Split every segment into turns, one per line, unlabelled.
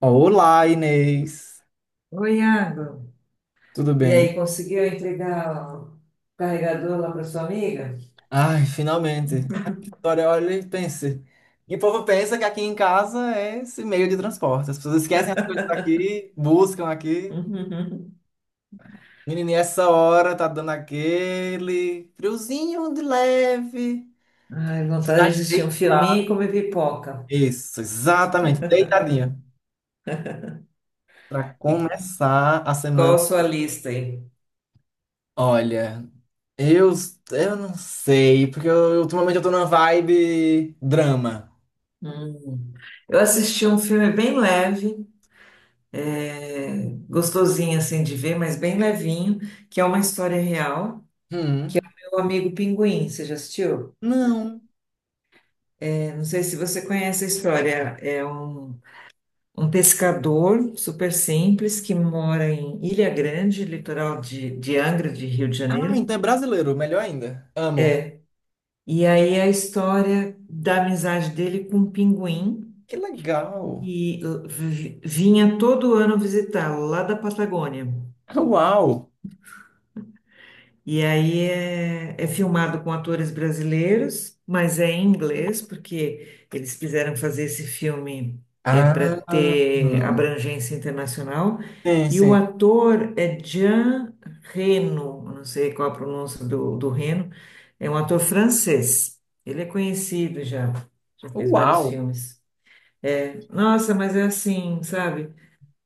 Olá, Inês.
Oi, Iago.
Tudo
E
bem?
aí, conseguiu entregar o carregador lá para sua amiga?
Ai, finalmente. Olha, olha e pense. E o povo pensa que aqui em casa é esse meio de transporte. As pessoas esquecem as coisas daqui, buscam aqui.
Uhum.
Menininha, essa hora tá dando aquele friozinho de leve.
Ai, vontade de
Tá
assistir um filminho
deitado.
e comer pipoca.
Isso, exatamente. Deitadinha. Pra
E
começar a
qual
semana.
a sua lista aí?
Olha, eu, eu não sei, porque ultimamente eu tô numa vibe drama.
Hum. Eu assisti um filme bem leve, gostosinho assim de ver, mas bem levinho, que é uma história real.
Hum.
Meu amigo Pinguim, você já assistiu?
Não.
Não sei se você conhece a história. Um pescador super simples que mora em Ilha Grande, litoral de Angra, de Rio de
Ah,
Janeiro.
então é brasileiro, melhor ainda. Amo.
E aí a história da amizade dele com um pinguim
Que legal.
que vinha todo ano visitá-lo lá da Patagônia.
Uau.
E aí é filmado com atores brasileiros, mas é em inglês, porque eles quiseram fazer esse filme, é, para
Ah,
ter abrangência internacional.
sim,
E o
sim.
ator é Jean Reno, eu não sei qual a pronúncia do Reno, é um ator francês. Ele é conhecido já, já fez
Uau.
vários filmes. Nossa, mas é assim, sabe?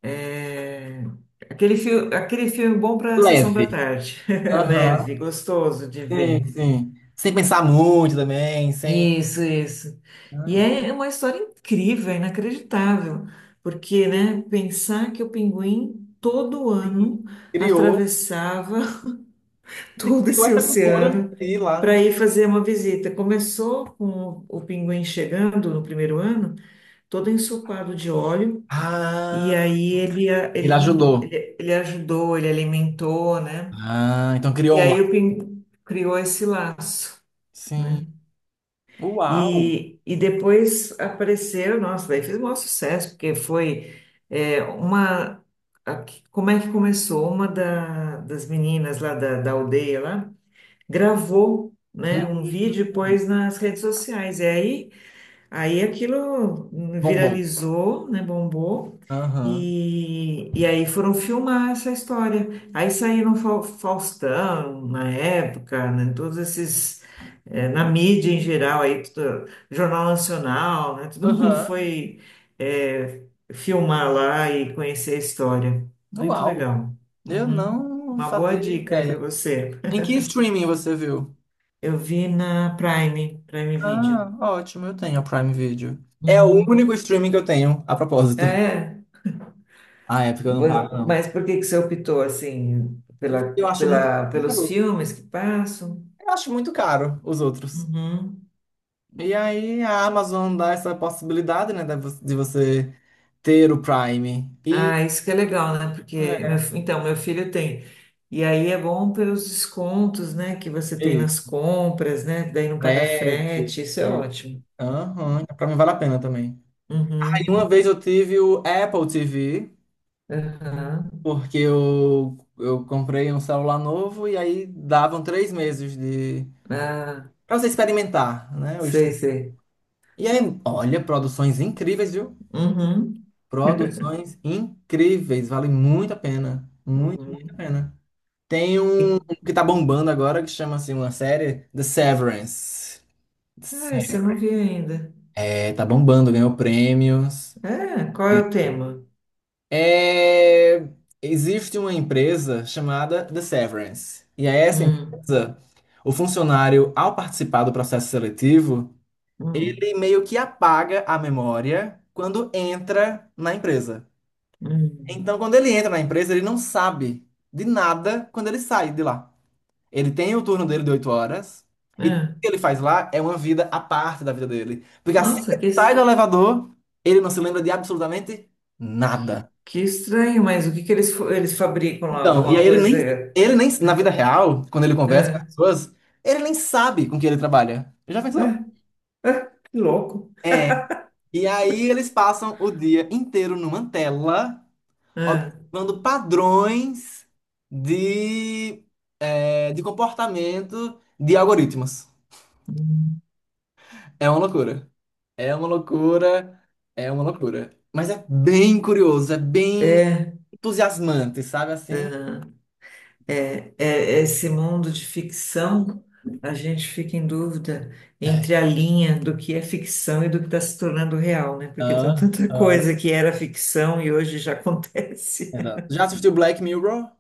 É, Aquele filme bom para sessão da
Leve.
tarde.
Aham.
Leve, gostoso de
Sim,
ver.
sim. Sem pensar muito também, sem.
Isso, isso.
Ah,
E
legal.
é uma história incrível, é inacreditável, porque, né, pensar que o pinguim todo ano
Criou,
atravessava
ele
todo
criou
esse
essa cultura
oceano
de ir lá,
para
né?
ir fazer uma visita. Começou com o pinguim chegando no primeiro ano, todo ensopado de óleo. E
Ah,
aí ele, a- ele,
ele
lim-
ajudou.
ele ele ajudou, ele alimentou, né?
Ah, então
E
criou um lá.
aí o Pin criou esse laço, né?
Sim. Uau.
E depois apareceu, nossa, daí fez o maior sucesso, porque foi, é, uma... a- como é que começou? Das meninas lá da aldeia lá gravou, né, um vídeo
Hum.
e pôs nas redes sociais. E aí aí aquilo
Bombou.
viralizou, né, bombou,
Aham.
e aí foram filmar essa história. Aí saíram Faustão, na época, né, todos esses, eh, na mídia em geral, aí, tudo- Jornal Nacional, né, todo mundo
Aham.
foi, eh, filmar lá e conhecer a história. Muito
Uau.
legal.
Eu
Uhum.
não
Uma boa
fazia
dica aí para
ideia.
você.
Em que streaming você viu?
Eu vi na Prime, Prime Video.
Ah, ótimo, eu tenho a Prime Video. É o
Uhum.
único streaming que eu tenho, a propósito.
É.
Ah, é porque eu não pago, não.
Mas por que que você optou assim
Eu acho muito
pelos
caro.
filmes que passam?
Eu acho muito caro os outros.
Uhum.
E aí a Amazon dá essa possibilidade, né, de você ter o Prime. E
Ah, isso que é legal, né? Porque então meu filho tem. E aí é bom pelos descontos, né, que você
é
tem nas
isso,
compras, né? Daí não paga
frete.
frete, isso é
e-
ótimo.
Aham, pra mim vale a pena também. Aí uma
Uhum.
vez eu tive o Apple TV.
Aham.
Porque eu comprei um celular novo e aí davam três meses de
Ah,
para você experimentar, né? O
sei,
stream.
sei.
E aí, olha, produções incríveis, viu?
Uhum.
Produções incríveis, vale muito a pena, muito, muito a
Uhum.
pena. Tem um
E-
que tá bombando agora que chama assim, uma série, The Severance. Se-
Ah, você não viu ainda.
É, tá bombando, ganhou prêmios.
É, qual é o tema?
É, existe uma empresa chamada The Severance. E a essa
Hum,
empresa, o funcionário, ao participar do processo seletivo,
hum,
ele meio que apaga a memória quando entra na empresa.
hum.
Então, quando ele entra na empresa, ele não sabe de nada quando ele sai de lá. Ele tem o turno dele de 8 horas e tudo
É.
que ele faz lá é uma vida à parte da vida dele. Porque assim que
Nossa,
ele
que...
sai do elevador, ele não se lembra de absolutamente nada.
Que estranho, mas o que que eles, eles fabricam lá?
Então, e
Alguma
aí ele
coisa?
nem, ele nem, na vida real, quando ele conversa com as pessoas, ele nem sabe com que ele trabalha. Já pensou?
É, é, que louco.
É. E aí eles passam o dia inteiro numa tela,
É,
observando padrões de, de comportamento de algoritmos. É uma loucura. É uma loucura. É uma loucura. Mas é bem curioso, é bem
é,
entusiasmante, sabe assim?
é esse mundo de ficção, a gente fica em dúvida entre a linha do que é ficção e do que está se tornando real, né? Porque tem
Ah,
tanta coisa que era ficção e hoje já acontece.
é não. Já assistiu Black Mirror?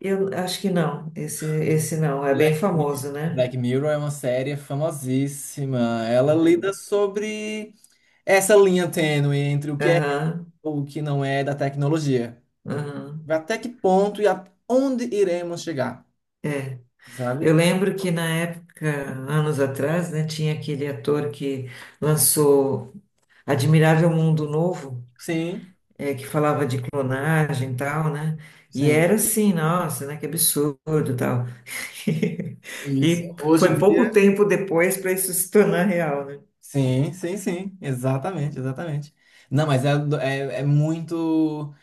Eu acho que não, esse não, é bem
Black, Mi-
famoso, né?
Black Mirror é uma série famosíssima. Ela lida
Uhum.
sobre essa linha tênue entre o que é e
Aham,
o que não é da tecnologia.
aham.
Até que ponto e aonde iremos chegar,
Eu
sabe?
lembro que na época, anos atrás, né, tinha aquele ator que lançou Admirável Mundo Novo,
Sim,
que falava de clonagem e tal, né? E
sim.
era assim, nossa, né, que absurdo e tal.
Isso.
E
Hoje em
foi pouco
dia,
tempo depois para isso se tornar real, né?
sim, sim, sim. Exatamente, exatamente. Não, mas é muito,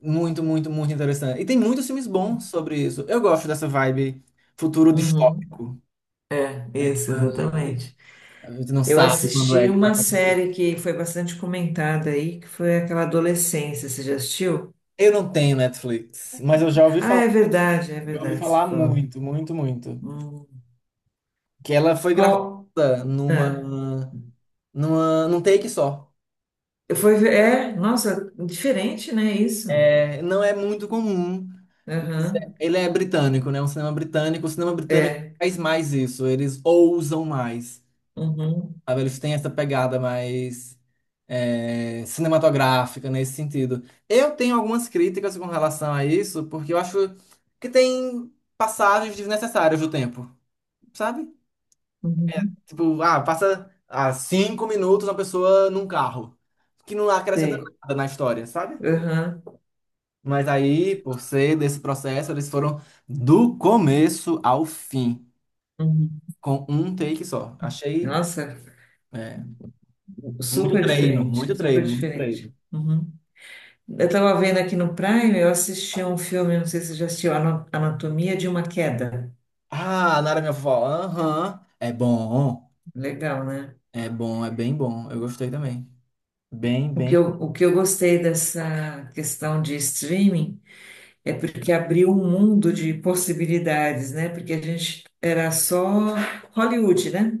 muito, muito, muito interessante. E tem muitos filmes bons sobre isso. Eu gosto dessa vibe futuro
Uhum.
distópico.
É, isso, exatamente.
A gente não
Eu
sabe quando é
assisti
que vai
uma
acontecer.
série que foi bastante comentada aí, que foi aquela Adolescência, você já assistiu?
Eu não tenho Netflix, mas eu já ouvi
Ah,
falar.
é
Eu ouvi
verdade, você
falar
falou.
muito, muito, muito.
Hum.
Que ela foi
Qual,
gravada
é.
num take só.
É, nossa, diferente, né, isso?
É, não é muito comum, mas
Aham,
ele é britânico, né? Um cinema britânico. O cinema britânico
é,
faz mais isso. Eles ousam mais.
uhum,
Sabe? Eles têm essa pegada mais cinematográfica nesse sentido. Eu tenho algumas críticas com relação a isso, porque eu acho que tem passagens desnecessárias do tempo, sabe?
uhum,
Tipo, ah, passa 5 minutos uma pessoa num carro, que não acrescenta
sei,
nada na história, sabe?
aham,
Mas aí, por ser desse processo, eles foram do começo ao fim,
uhum.
com um take só. Achei,
Nossa,
é, muito
super
treino,
diferente,
muito
super
treino, muito
diferente.
treino.
Uhum. Eu tava vendo aqui no Prime, eu assisti um filme, não sei se você já assistiu, Anatomia de uma Queda.
Ah, Nara minha vovó. Aham. É bom.
Legal, né?
É bom, é bem bom. Eu gostei também. Bem, bem.
O que eu gostei dessa questão de streaming é porque abriu um mundo de possibilidades, né? Porque a gente era só Hollywood, né?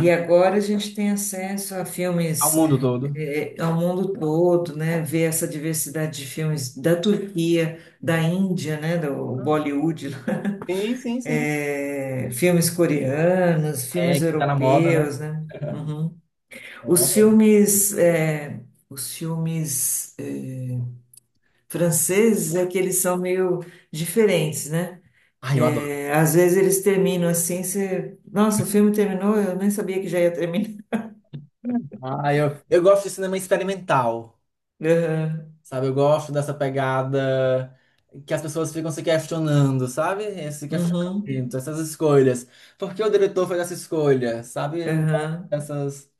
E agora a gente tem acesso a
Ao
filmes,
mundo todo.
eh, ao mundo todo, né? Ver essa diversidade de filmes da Turquia, da Índia, né? Do Bollywood, lá.
Sim, sim, sim.
Eh, filmes coreanos,
É,
filmes
que tá na moda, né?
europeus, né? Uhum.
Eu
Os
adoro.
filmes, eh, os filmes, eh, franceses é que eles são meio diferentes, né?
Ah, eu adoro.
Eh, às vezes eles terminam assim, você... Nossa, o filme terminou, eu nem sabia que já ia terminar.
Ah, eu gosto de cinema experimental, sabe? Eu gosto dessa pegada que as pessoas ficam se questionando, sabe? Esse questionamento,
Uhum.
essas escolhas. Por que o diretor fez essa escolha, sabe? Eu gosto
Aham.
dessas.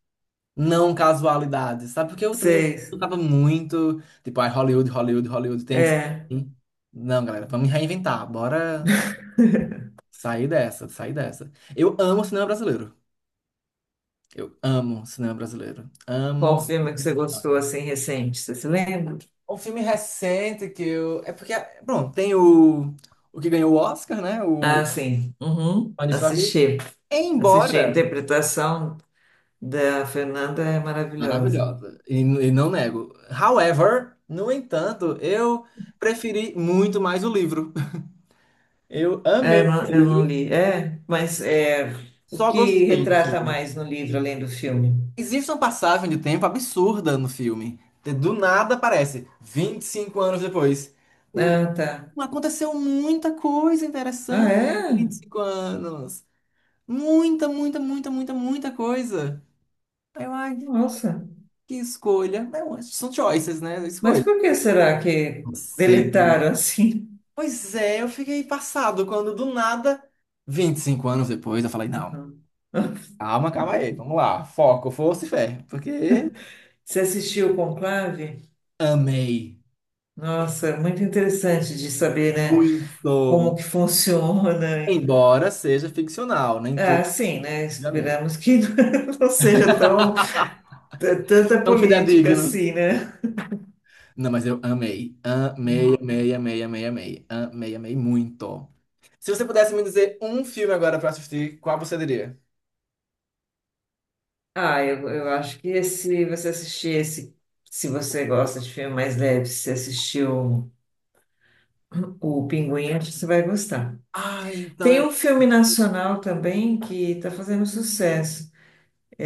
Não casualidades, sabe? Porque eu também
Sei.
tava muito, tipo, ai, Hollywood, Hollywood, Hollywood, tem que ser
É.
assim. Não, galera, vamos reinventar, bora sair dessa, sair dessa. Eu amo cinema brasileiro. Eu amo cinema brasileiro.
Qual
Amo.
filme que você gostou assim recente? Você se lembra?
Um filme recente que eu. É porque, pronto, tem o que ganhou o Oscar, né? O
Ah, sim. Uhum.
Manifesto aqui.
Assisti. Assisti. A
Embora.
interpretação da Fernanda é maravilhosa.
Maravilhosa. E não nego. However, no entanto, eu preferi muito mais o livro. Eu amei o
Eu não
livro,
li. O
só
que
gostei do
retrata
filme.
mais no livro além do filme?
Existe uma passagem de tempo absurda no filme. Do nada aparece, 25 anos depois.
Ah, tá.
Aconteceu muita coisa
Ah,
interessante em vinte
é?
e cinco anos. Muita, muita, muita, muita, muita coisa. Eu, ai, pô,
Nossa.
que escolha. Não, são choices, né?
Mas
Escolha.
por que será que
Não.
deletaram assim?
Pois é, eu fiquei passado quando do nada, 25 anos depois, eu falei, não,
Uhum.
calma, calma aí, vamos lá, foco, força e fé, porque
Você assistiu o Conclave?
amei.
Nossa, muito interessante de saber, né, como
Muito.
que funciona.
Embora seja ficcional, nem tudo,
Ah, sim, né?
obviamente.
Esperamos que não seja tão tanta
Não
política
fidedigno.
assim, né?
Não, mas eu amei. Amei, amei, amei, amei, amei. Amei, amei muito. Se você pudesse me dizer um filme agora pra assistir, qual você diria?
Ah, eu acho que se você assistir esse, se você gosta de filme mais leve, se você assistiu o Pinguim, acho que você vai gostar.
Ah, então
Tem
eu.
um filme nacional também que está fazendo sucesso,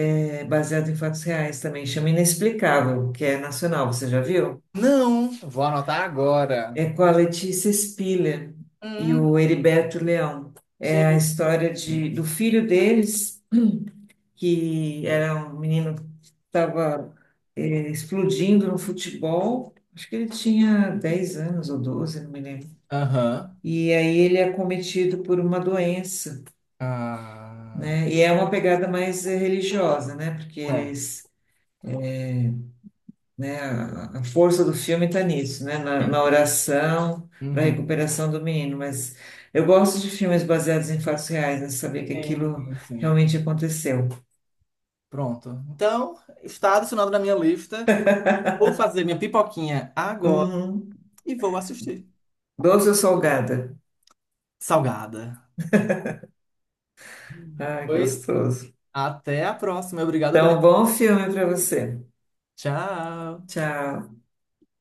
é baseado em fatos reais também, chama Inexplicável, que é nacional, você já viu?
Não, vou anotar agora.
É com a Letícia Spiller e
Hum,
o Heriberto Leão. É a
sim.
história de, do filho deles, que era um menino que estava explodindo no futebol. Acho que ele tinha 10 anos ou 12, não me lembro.
Aham.
E aí ele é acometido por uma doença,
Ah,
né? E é uma pegada mais, eh, religiosa, né? Porque
tá.
eles... né? A força do filme está nisso, né? Na, na
Entendi.
oração, para a
Uhum.
recuperação do menino. Mas eu gosto de filmes baseados em fatos reais, né? Saber que
Sim,
aquilo
sim, sim.
realmente aconteceu.
Pronto. Então, está adicionado na minha lista. Vou fazer minha pipoquinha agora
Uhum.
e vou assistir.
Doce ou salgada?
Salgada.
Ai, que
Pois
gostoso.
até a próxima. Obrigado pela.
Então, bom filme para você.
Tchau.
Tchau.